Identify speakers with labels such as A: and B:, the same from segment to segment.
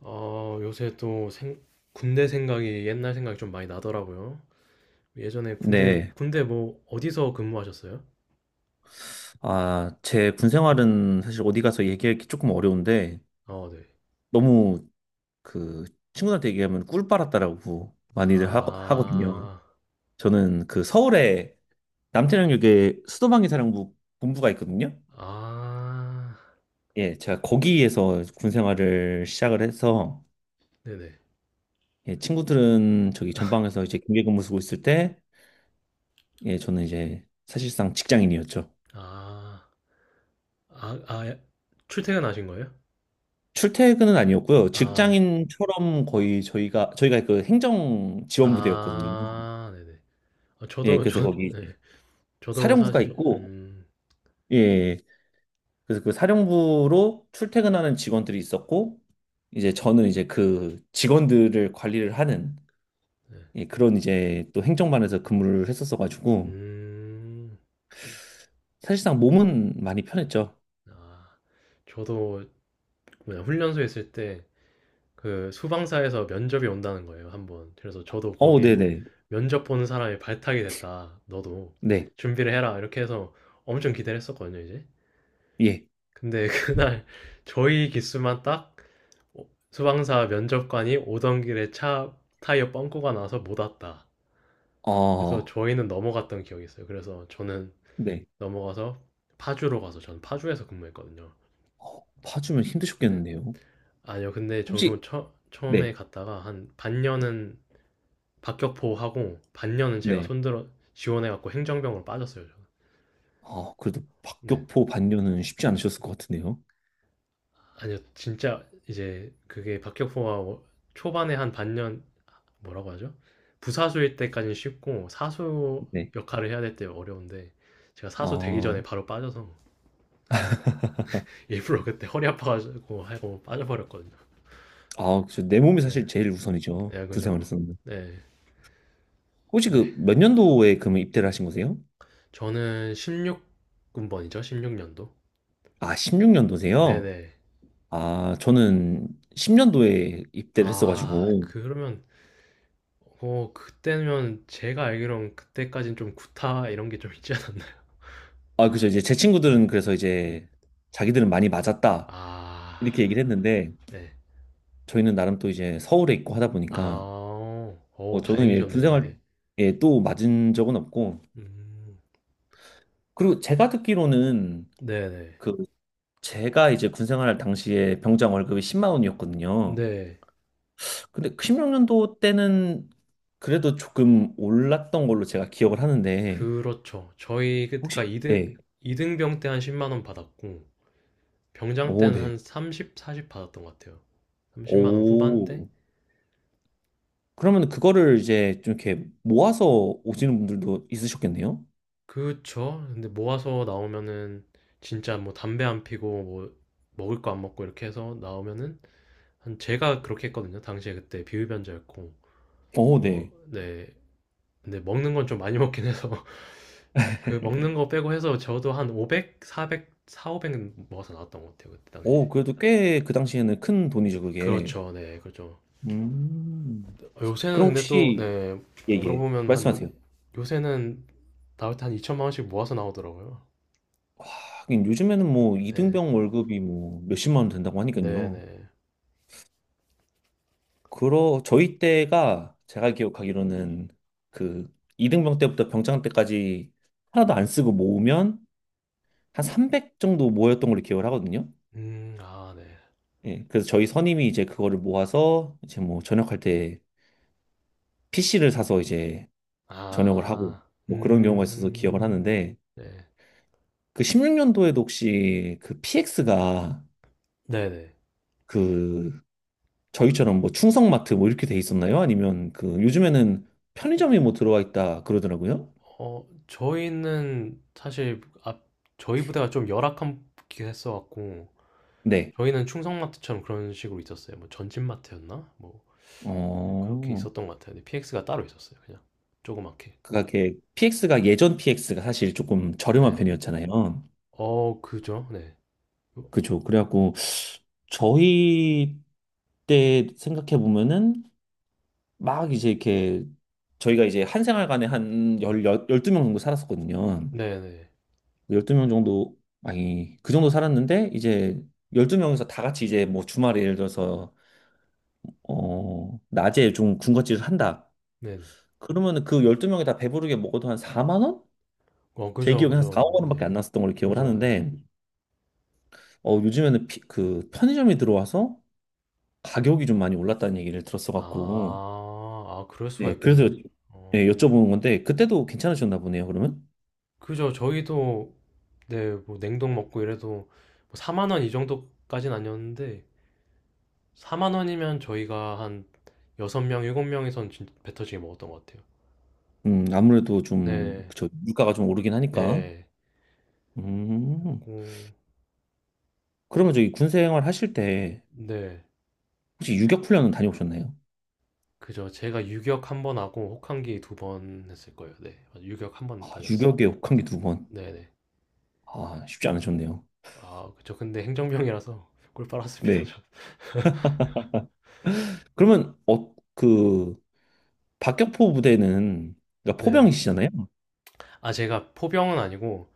A: 요새 또 군대 생각이 옛날 생각이 좀 많이 나더라고요. 예전에 군대,
B: 네.
A: 군대 뭐 어디서 근무하셨어요?
B: 아, 제 군 생활은 사실 어디 가서 얘기하기 조금 어려운데,
A: 어, 네.
B: 너무 그 친구들한테 얘기하면 꿀 빨았다라고 많이들 하거든요.
A: 아,
B: 저는 그 서울에 남태령역에 수도방위 사령부 본부가 있거든요.
A: 아,
B: 예, 제가 거기에서 군 생활을 시작을 해서,
A: 네네.
B: 예, 친구들은 저기 전방에서 이제 경계 근무 쓰고 있을 때, 예, 저는 이제 사실상 직장인이었죠.
A: 아, 아, 아, 예. 출퇴근하신 거예요?
B: 출퇴근은 아니었고요.
A: 아,
B: 직장인처럼 거의 저희가 그 행정 지원 부대였거든요.
A: 아, 네네. 아,
B: 예,
A: 저도,
B: 그래서 거기
A: 네.
B: 이제
A: 저도
B: 사령부가
A: 사실,
B: 있고 예, 그래서 그 사령부로 출퇴근하는 직원들이 있었고 이제 저는 이제 그 직원들을 관리를 하는
A: 네.
B: 예, 그런 이제 또 행정반에서 근무를 했었어 가지고
A: 음,
B: 사실상 몸은 많이 편했죠.
A: 아, 저도 뭐냐, 훈련소 있을 때 그 수방사에서 면접이 온다는 거예요, 한번. 그래서 저도
B: 어, 네,
A: 거기에
B: 네.
A: 면접 보는 사람이 발탁이 됐다. 너도
B: 네.
A: 준비를 해라. 이렇게 해서 엄청 기대를 했었거든요, 이제.
B: 예.
A: 근데 그날 저희 기수만 딱 수방사 면접관이 오던 길에 차 타이어 뻥꾸가 나서 못 왔다. 그래서
B: 어,
A: 저희는 넘어갔던 기억이 있어요. 그래서 저는
B: 네.
A: 넘어가서 파주로 가서 저는 파주에서 근무했거든요.
B: 어, 파주면
A: 네.
B: 힘드셨겠는데요.
A: 아니요, 근데
B: 혹시
A: 저도 처음에
B: 네.
A: 갔다가 한 반년은 박격포하고 반년은 제가
B: 네.
A: 손들어 지원해갖고 행정병으로 빠졌어요. 저는.
B: 아, 그래도
A: 네.
B: 박격포 반려는 쉽지 않으셨을 것 같은데요.
A: 아니요, 진짜 이제 그게 박격포가 초반에 한 반년 뭐라고 하죠? 부사수일 때까지는 쉽고 사수
B: 네.
A: 역할을 해야 될 때 어려운데 제가 사수 되기 전에
B: 아,
A: 바로 빠져서 일부러 그때 허리 아파가지고 하고 빠져버렸거든요.
B: 아, 그쵸. 내 몸이
A: 네,
B: 사실 제일 우선이죠.
A: 네
B: 군
A: 그죠.
B: 생활에서는.
A: 네,
B: 혹시
A: 네.
B: 그 몇 년도에 그러면 입대를 하신 거세요?
A: 저는 16군번이죠, 16년도.
B: 아, 16년도세요?
A: 네네.
B: 아, 저는 10년도에 입대를
A: 아,
B: 했어가지고.
A: 그러면 어 그때면 제가 알기로는 그때까진 좀 구타 이런 게 좀 있지 않았나요?
B: 아, 그죠. 이제 제
A: 네.
B: 친구들은 그래서 이제
A: 음.
B: 자기들은 많이 맞았다.
A: 아.
B: 이렇게 얘기를 했는데,
A: 네.
B: 저희는 나름 또 이제 서울에 있고 하다 보니까,
A: 아. 어
B: 어, 저는 예, 군
A: 다행이셨네요.
B: 생활에
A: 네.
B: 또 맞은 적은 없고,
A: 음.
B: 그리고 제가 듣기로는
A: 네네.
B: 그 제가 이제 군 생활 당시에 병장 월급이 10만 원이었거든요.
A: 네.
B: 근데 16년도 때는 그래도 조금 올랐던 걸로 제가 기억을 하는데,
A: 그렇죠. 저희 그때가
B: 혹시
A: 이등
B: 네.
A: 이등병 때 한 10원 받았고 병장
B: 오,
A: 때는
B: 네.
A: 한 30, 40 받았던 것 같아요. 30만 원 후반대?
B: 오. 그러면 그거를 이제 좀 이렇게 모아서 오시는 분들도 있으셨겠네요?
A: 그쵸. 근데 모아서 나오면은 진짜 뭐 담배 안 피고 뭐 먹을 거 안 먹고 이렇게 해서 나오면은 한 제가 그렇게 했거든요. 당시에 그때 비흡연자였고,
B: 오,
A: 어,
B: 네.
A: 네. 근데 먹는 건 좀 많이 먹긴 해서 그 먹는 거 빼고 해서 저도 한 500, 400, 4, 500 먹어서 나왔던 것 같아요 그때 당시에.
B: 오, 그래도 꽤 그 당시에는 큰 돈이죠, 그게.
A: 그렇죠, 네, 그렇죠.
B: 음.
A: 요새는
B: 그럼
A: 근데 또,
B: 혹시,
A: 네,
B: 예, 예.
A: 물어보면 한 뭐-
B: 말씀하세요.
A: 요새는 나올 때 한 2천만 원씩 모아서 나오더라고요.
B: 하긴 요즘에는 뭐
A: 네,
B: 이등병 월급이 뭐 몇십만 원 된다고
A: 네,
B: 하니까요.
A: 네.
B: 그러 저희 때가 제가 기억하기로는 그 이등병 때부터 병장 때까지 하나도 안 쓰고 모으면 한 300 정도 모였던 걸로 기억을 하거든요.
A: 아, 네.
B: 예, 그래서 저희 선임이 이제 그거를 모아서 이제 뭐 전역할 때 PC를 사서 이제 전역을 하고
A: 아,
B: 뭐 그런 경우가 있어서 기억을 하는데
A: 네,
B: 그 16년도에도 혹시 그 PX가
A: 네, 네.
B: 그 저희처럼 뭐 충성마트 뭐 이렇게 돼 있었나요? 아니면 그 요즘에는 편의점이 뭐 들어와 있다 그러더라고요.
A: 어, 저희는 사실 앞 저희 부대가 좀 열악한 게 했어갖고
B: 네.
A: 저희는 충성마트처럼 그런 식으로 있었어요. 뭐 전진마트였나? 뭐 그렇게
B: 어,
A: 있었던 것 같아요. 근데 PX가 따로 있었어요. 그냥 조그맣게.
B: 그가 게 PX가 예전 PX가 사실 조금 저렴한
A: 네.
B: 편이었잖아요.
A: 어, 그죠? 네.
B: 그죠. 그래갖고 저희 때 생각해 보면은 막 이제 이렇게 저희가 이제 한 생활관에 한 12명 정도 살았었거든요.
A: 네, 네. 네,
B: 열두 명 정도, 아니, 그 정도 살았는데 이제 12명에서 다 같이 이제 뭐 주말에 예를 들어서 낮에 좀 군것질을 한다.
A: 네.
B: 그러면은 그 12명이 다 배부르게 먹어도 한 4만 원?
A: 어,
B: 제
A: 그죠,
B: 기억에 한 4,
A: 그죠.
B: 5만 원밖에
A: 네.
B: 안 났었던 걸로 기억을
A: 그죠, 네.
B: 하는데 어, 요즘에는 그 편의점이 들어와서 가격이 좀 많이 올랐다는 얘기를 들었어 갖고
A: 아, 아, 그럴 수가
B: 네, 그래서
A: 있겠네요.
B: 네,
A: 어,
B: 여쭤보는 건데 그때도 괜찮으셨나 보네요, 그러면?
A: 그죠. 저희도, 네, 뭐, 냉동 먹고 이래도, 뭐, 4만 원 이 정도까진 아니었는데, 4만 원이면 저희가 한 6명, 7명이선 진짜 배 터지게 먹었던 것 같아요.
B: 아무래도 좀
A: 네.
B: 저 물가가 좀 오르긴 하니까.
A: 예.
B: 음.
A: 음,
B: 그러면 저기 군 생활 하실 때
A: 네.
B: 혹시 유격 훈련은 다녀오셨나요?
A: 그죠. 제가 유격 한번 하고 혹한기 두 번 했을 거예요. 네. 맞아요. 유격 한
B: 아,
A: 번 다녀왔어요.
B: 유격에 혹한 게 두 번.
A: 네네.
B: 아, 쉽지 않으셨네요.
A: 아, 그쵸. 근데 행정병이라서 꿀 빨았습니다,
B: 네.
A: 저.
B: 그러면 어, 그 박격포 부대는 그러니까
A: 네네.
B: 포병이시잖아요.
A: 아, 제가 포병은 아니고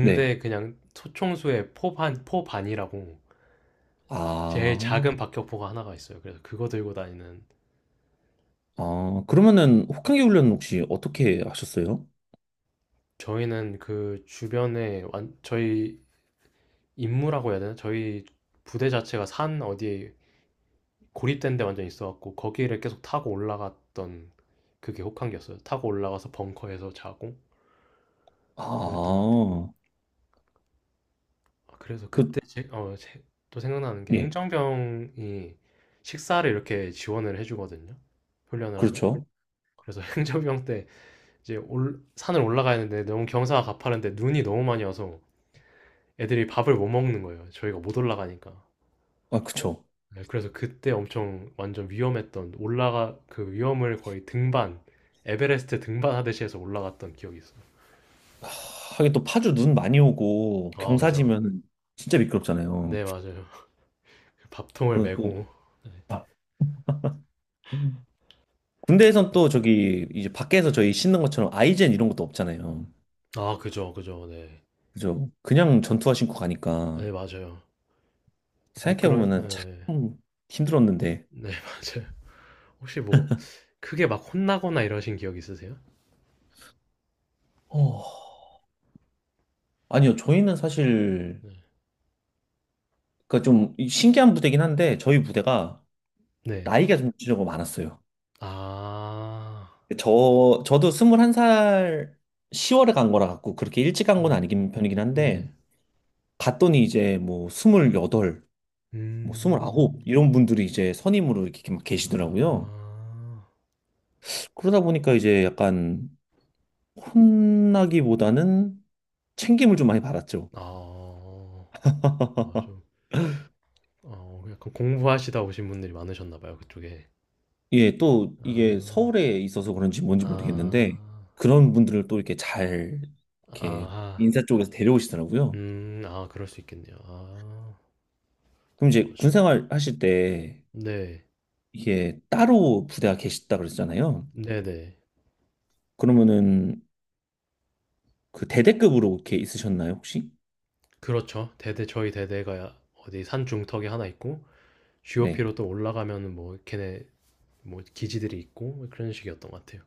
B: 네.
A: 그냥 소총수의 포반이라고 제일
B: 아,
A: 작은 박격포가 하나가 있어요. 그래서 그거 들고 다니는
B: 아, 그러면은 혹한기 훈련 혹시 어떻게 하셨어요?
A: 저희는 그 주변에 완 저희 임무라고 해야 되나? 저희 부대 자체가 산 어디에 고립된 데 완전 있어갖고 거기를 계속 타고 올라갔던 그게 혹한기였어요. 타고 올라가서 벙커에서 자고 그랬던 것 같아요.
B: 아,
A: 아, 그래서
B: 그,
A: 그때 또 생각나는 게
B: 예,
A: 행정병이 식사를 이렇게 지원을 해주거든요. 훈련을 하면.
B: 그렇죠.
A: 그래서 행정병 때 이제 산을 올라가야 하는데 너무 경사가 가파른데 눈이 너무 많이 와서 애들이 밥을 못 먹는 거예요. 저희가 못 올라가니까.
B: 아, 그쵸.
A: 네, 그래서 그때 엄청 완전 위험했던 올라가 그 위험을 거의 등반 에베레스트 등반하듯이 해서 올라갔던 기억이 있어요.
B: 하, 하긴 또 파주 눈 많이 오고
A: 아 그죠.
B: 경사지면 진짜
A: 네
B: 미끄럽잖아요.
A: 맞아요. 밥통을
B: 그리고 또,
A: 메고. 네.
B: 아, 음. 군대에선 또 저기 이제 밖에서 저희 신는 것처럼 아이젠 이런 것도 없잖아요.
A: 아 그죠 그죠 네.
B: 그죠? 그냥 전투화 신고 가니까
A: 네 맞아요. 미끄러
B: 생각해보면은 참
A: 네,
B: 힘들었는데.
A: 네 맞아요. 혹시 뭐 크게 막 혼나거나 이러신 기억 있으세요?
B: 어, 아니요, 저희는 사실
A: 네.
B: 그좀 신기한 부대긴 한데 저희 부대가
A: 네.
B: 나이가 좀 지저가 많았어요.
A: 아.
B: 저도 21살 10월에 간 거라 갖고 그렇게 일찍 간 건
A: 네.
B: 아니긴 편이긴 한데
A: 네.
B: 갔더니 이제 뭐 28, 뭐
A: 음.
B: 29 이런 분들이 이제 선임으로 이렇게 막 계시더라고요.
A: 아.
B: 그러다 보니까 이제 약간 혼나기보다는 챙김을 좀 많이 받았죠.
A: 아. 맞아. 어 약간 공부하시다 오신 분들이 많으셨나 봐요, 그쪽에.
B: 예, 또 이게
A: 아.
B: 서울에 있어서 그런지 뭔지
A: 아.
B: 모르겠는데 그런 분들을 또 이렇게 잘 이렇게
A: 아하.
B: 인사 쪽에서 데려오시더라고요.
A: 음. 아 그럴 수 있겠네요. 아.
B: 그럼
A: 어
B: 이제
A: 신기하네.
B: 군생활 하실 때
A: 네.
B: 이게 따로 부대가 계셨다 그랬잖아요.
A: 네네.
B: 그러면은 그 대대급으로 이렇게 있으셨나요, 혹시?
A: 그렇죠. 대대 저희 대대가 어디 산 중턱에 하나 있고
B: 네.
A: GOP로 또 올라가면은 뭐 걔네 뭐 기지들이 있고 뭐 그런 식이었던 것 같아요.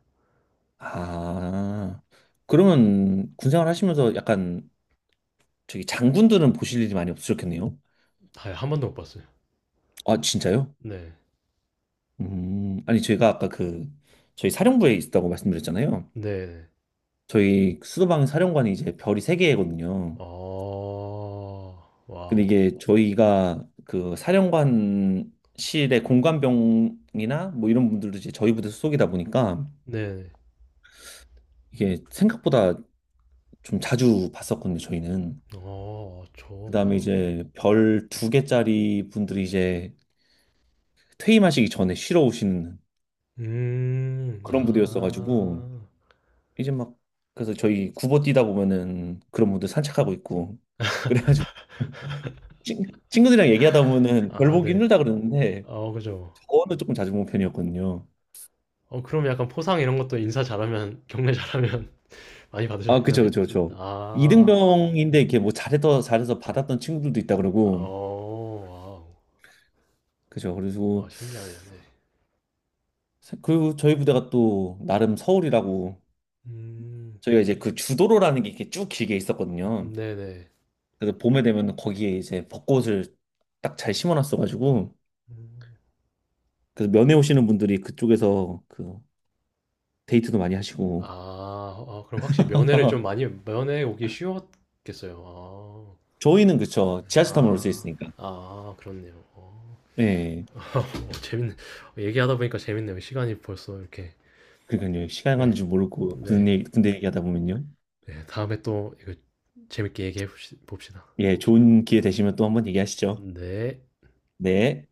B: 아, 그러면 군생활 하시면서 약간 저기 장군들은 보실 일이 많이 없으셨겠네요.
A: 아 한 번도 못 봤어요.
B: 아, 진짜요?
A: 네.
B: 아니 제가 아까 그 저희 사령부에 있다고 말씀드렸잖아요.
A: 네네.
B: 저희 수도방 사령관이 이제 별이 세 개거든요.
A: 어.
B: 근데
A: 와우.
B: 이게
A: 네.
B: 저희가 그 사령관실의 공관병이나 뭐 이런 분들도 이제 저희 부대 소속이다 보니까
A: 네네.
B: 이게 생각보다 좀 자주 봤었거든요, 저희는.
A: 어. 저
B: 그다음에 이제 별 두 개짜리 분들이 이제 퇴임하시기 전에 쉬러 오시는 그런
A: 아.
B: 부대였어가지고 이제 막 그래서 저희 구보 뛰다 보면은 그런 분들 산책하고 있고 그래가지고 친- 친구들이랑 얘기하다 보면은 별
A: 아
B: 보기
A: 네.
B: 힘들다 그러는데
A: 어 그죠.
B: 그거는 조금 자주 본 편이었거든요.
A: 어 그럼 약간 포상 이런 것도 인사 잘하면 경례 잘하면 많이
B: 아, 그쵸,
A: 받으셨나요?
B: 그쵸, 그쵸.
A: 아.
B: 이등병인데
A: 네
B: 이렇게 뭐 잘해서 잘해서
A: 네.
B: 받았던 친구들도 있다 그러고,
A: 어
B: 그쵸.
A: 와우. 아
B: 그리고
A: 신기하네요. 네.
B: 그리고 저희 부대가 또 나름 서울이라고
A: 음.
B: 저희가 이제 그 주도로라는 게 이렇게 쭉 길게 있었거든요.
A: 네네.
B: 그래서 봄에 되면 거기에 이제 벚꽃을 딱 잘 심어놨어가지고,
A: 음.
B: 그래서 면회 오시는 분들이 그쪽에서 그 데이트도 많이 하시고.
A: 아. 아 그럼 확실히 면회를 좀 많이 면회 오기 쉬웠겠어요. 아.
B: 저희는 그쵸. 지하철 타면 올 수
A: 아.
B: 있으니까.
A: 아 그렇네요. 어.
B: 네.
A: 어, 재밌네. 얘기하다 보니까 재밌네요. 시간이 벌써 이렇게
B: 그러니까요. 시간 가는
A: 네.
B: 줄 모르고
A: 네.
B: 군대 얘기하다 보면요.
A: 네, 다음에 또 이거 재밌게 얘기해 봅시다.
B: 예, 좋은 기회 되시면 또 한번 얘기하시죠.
A: 네.
B: 네.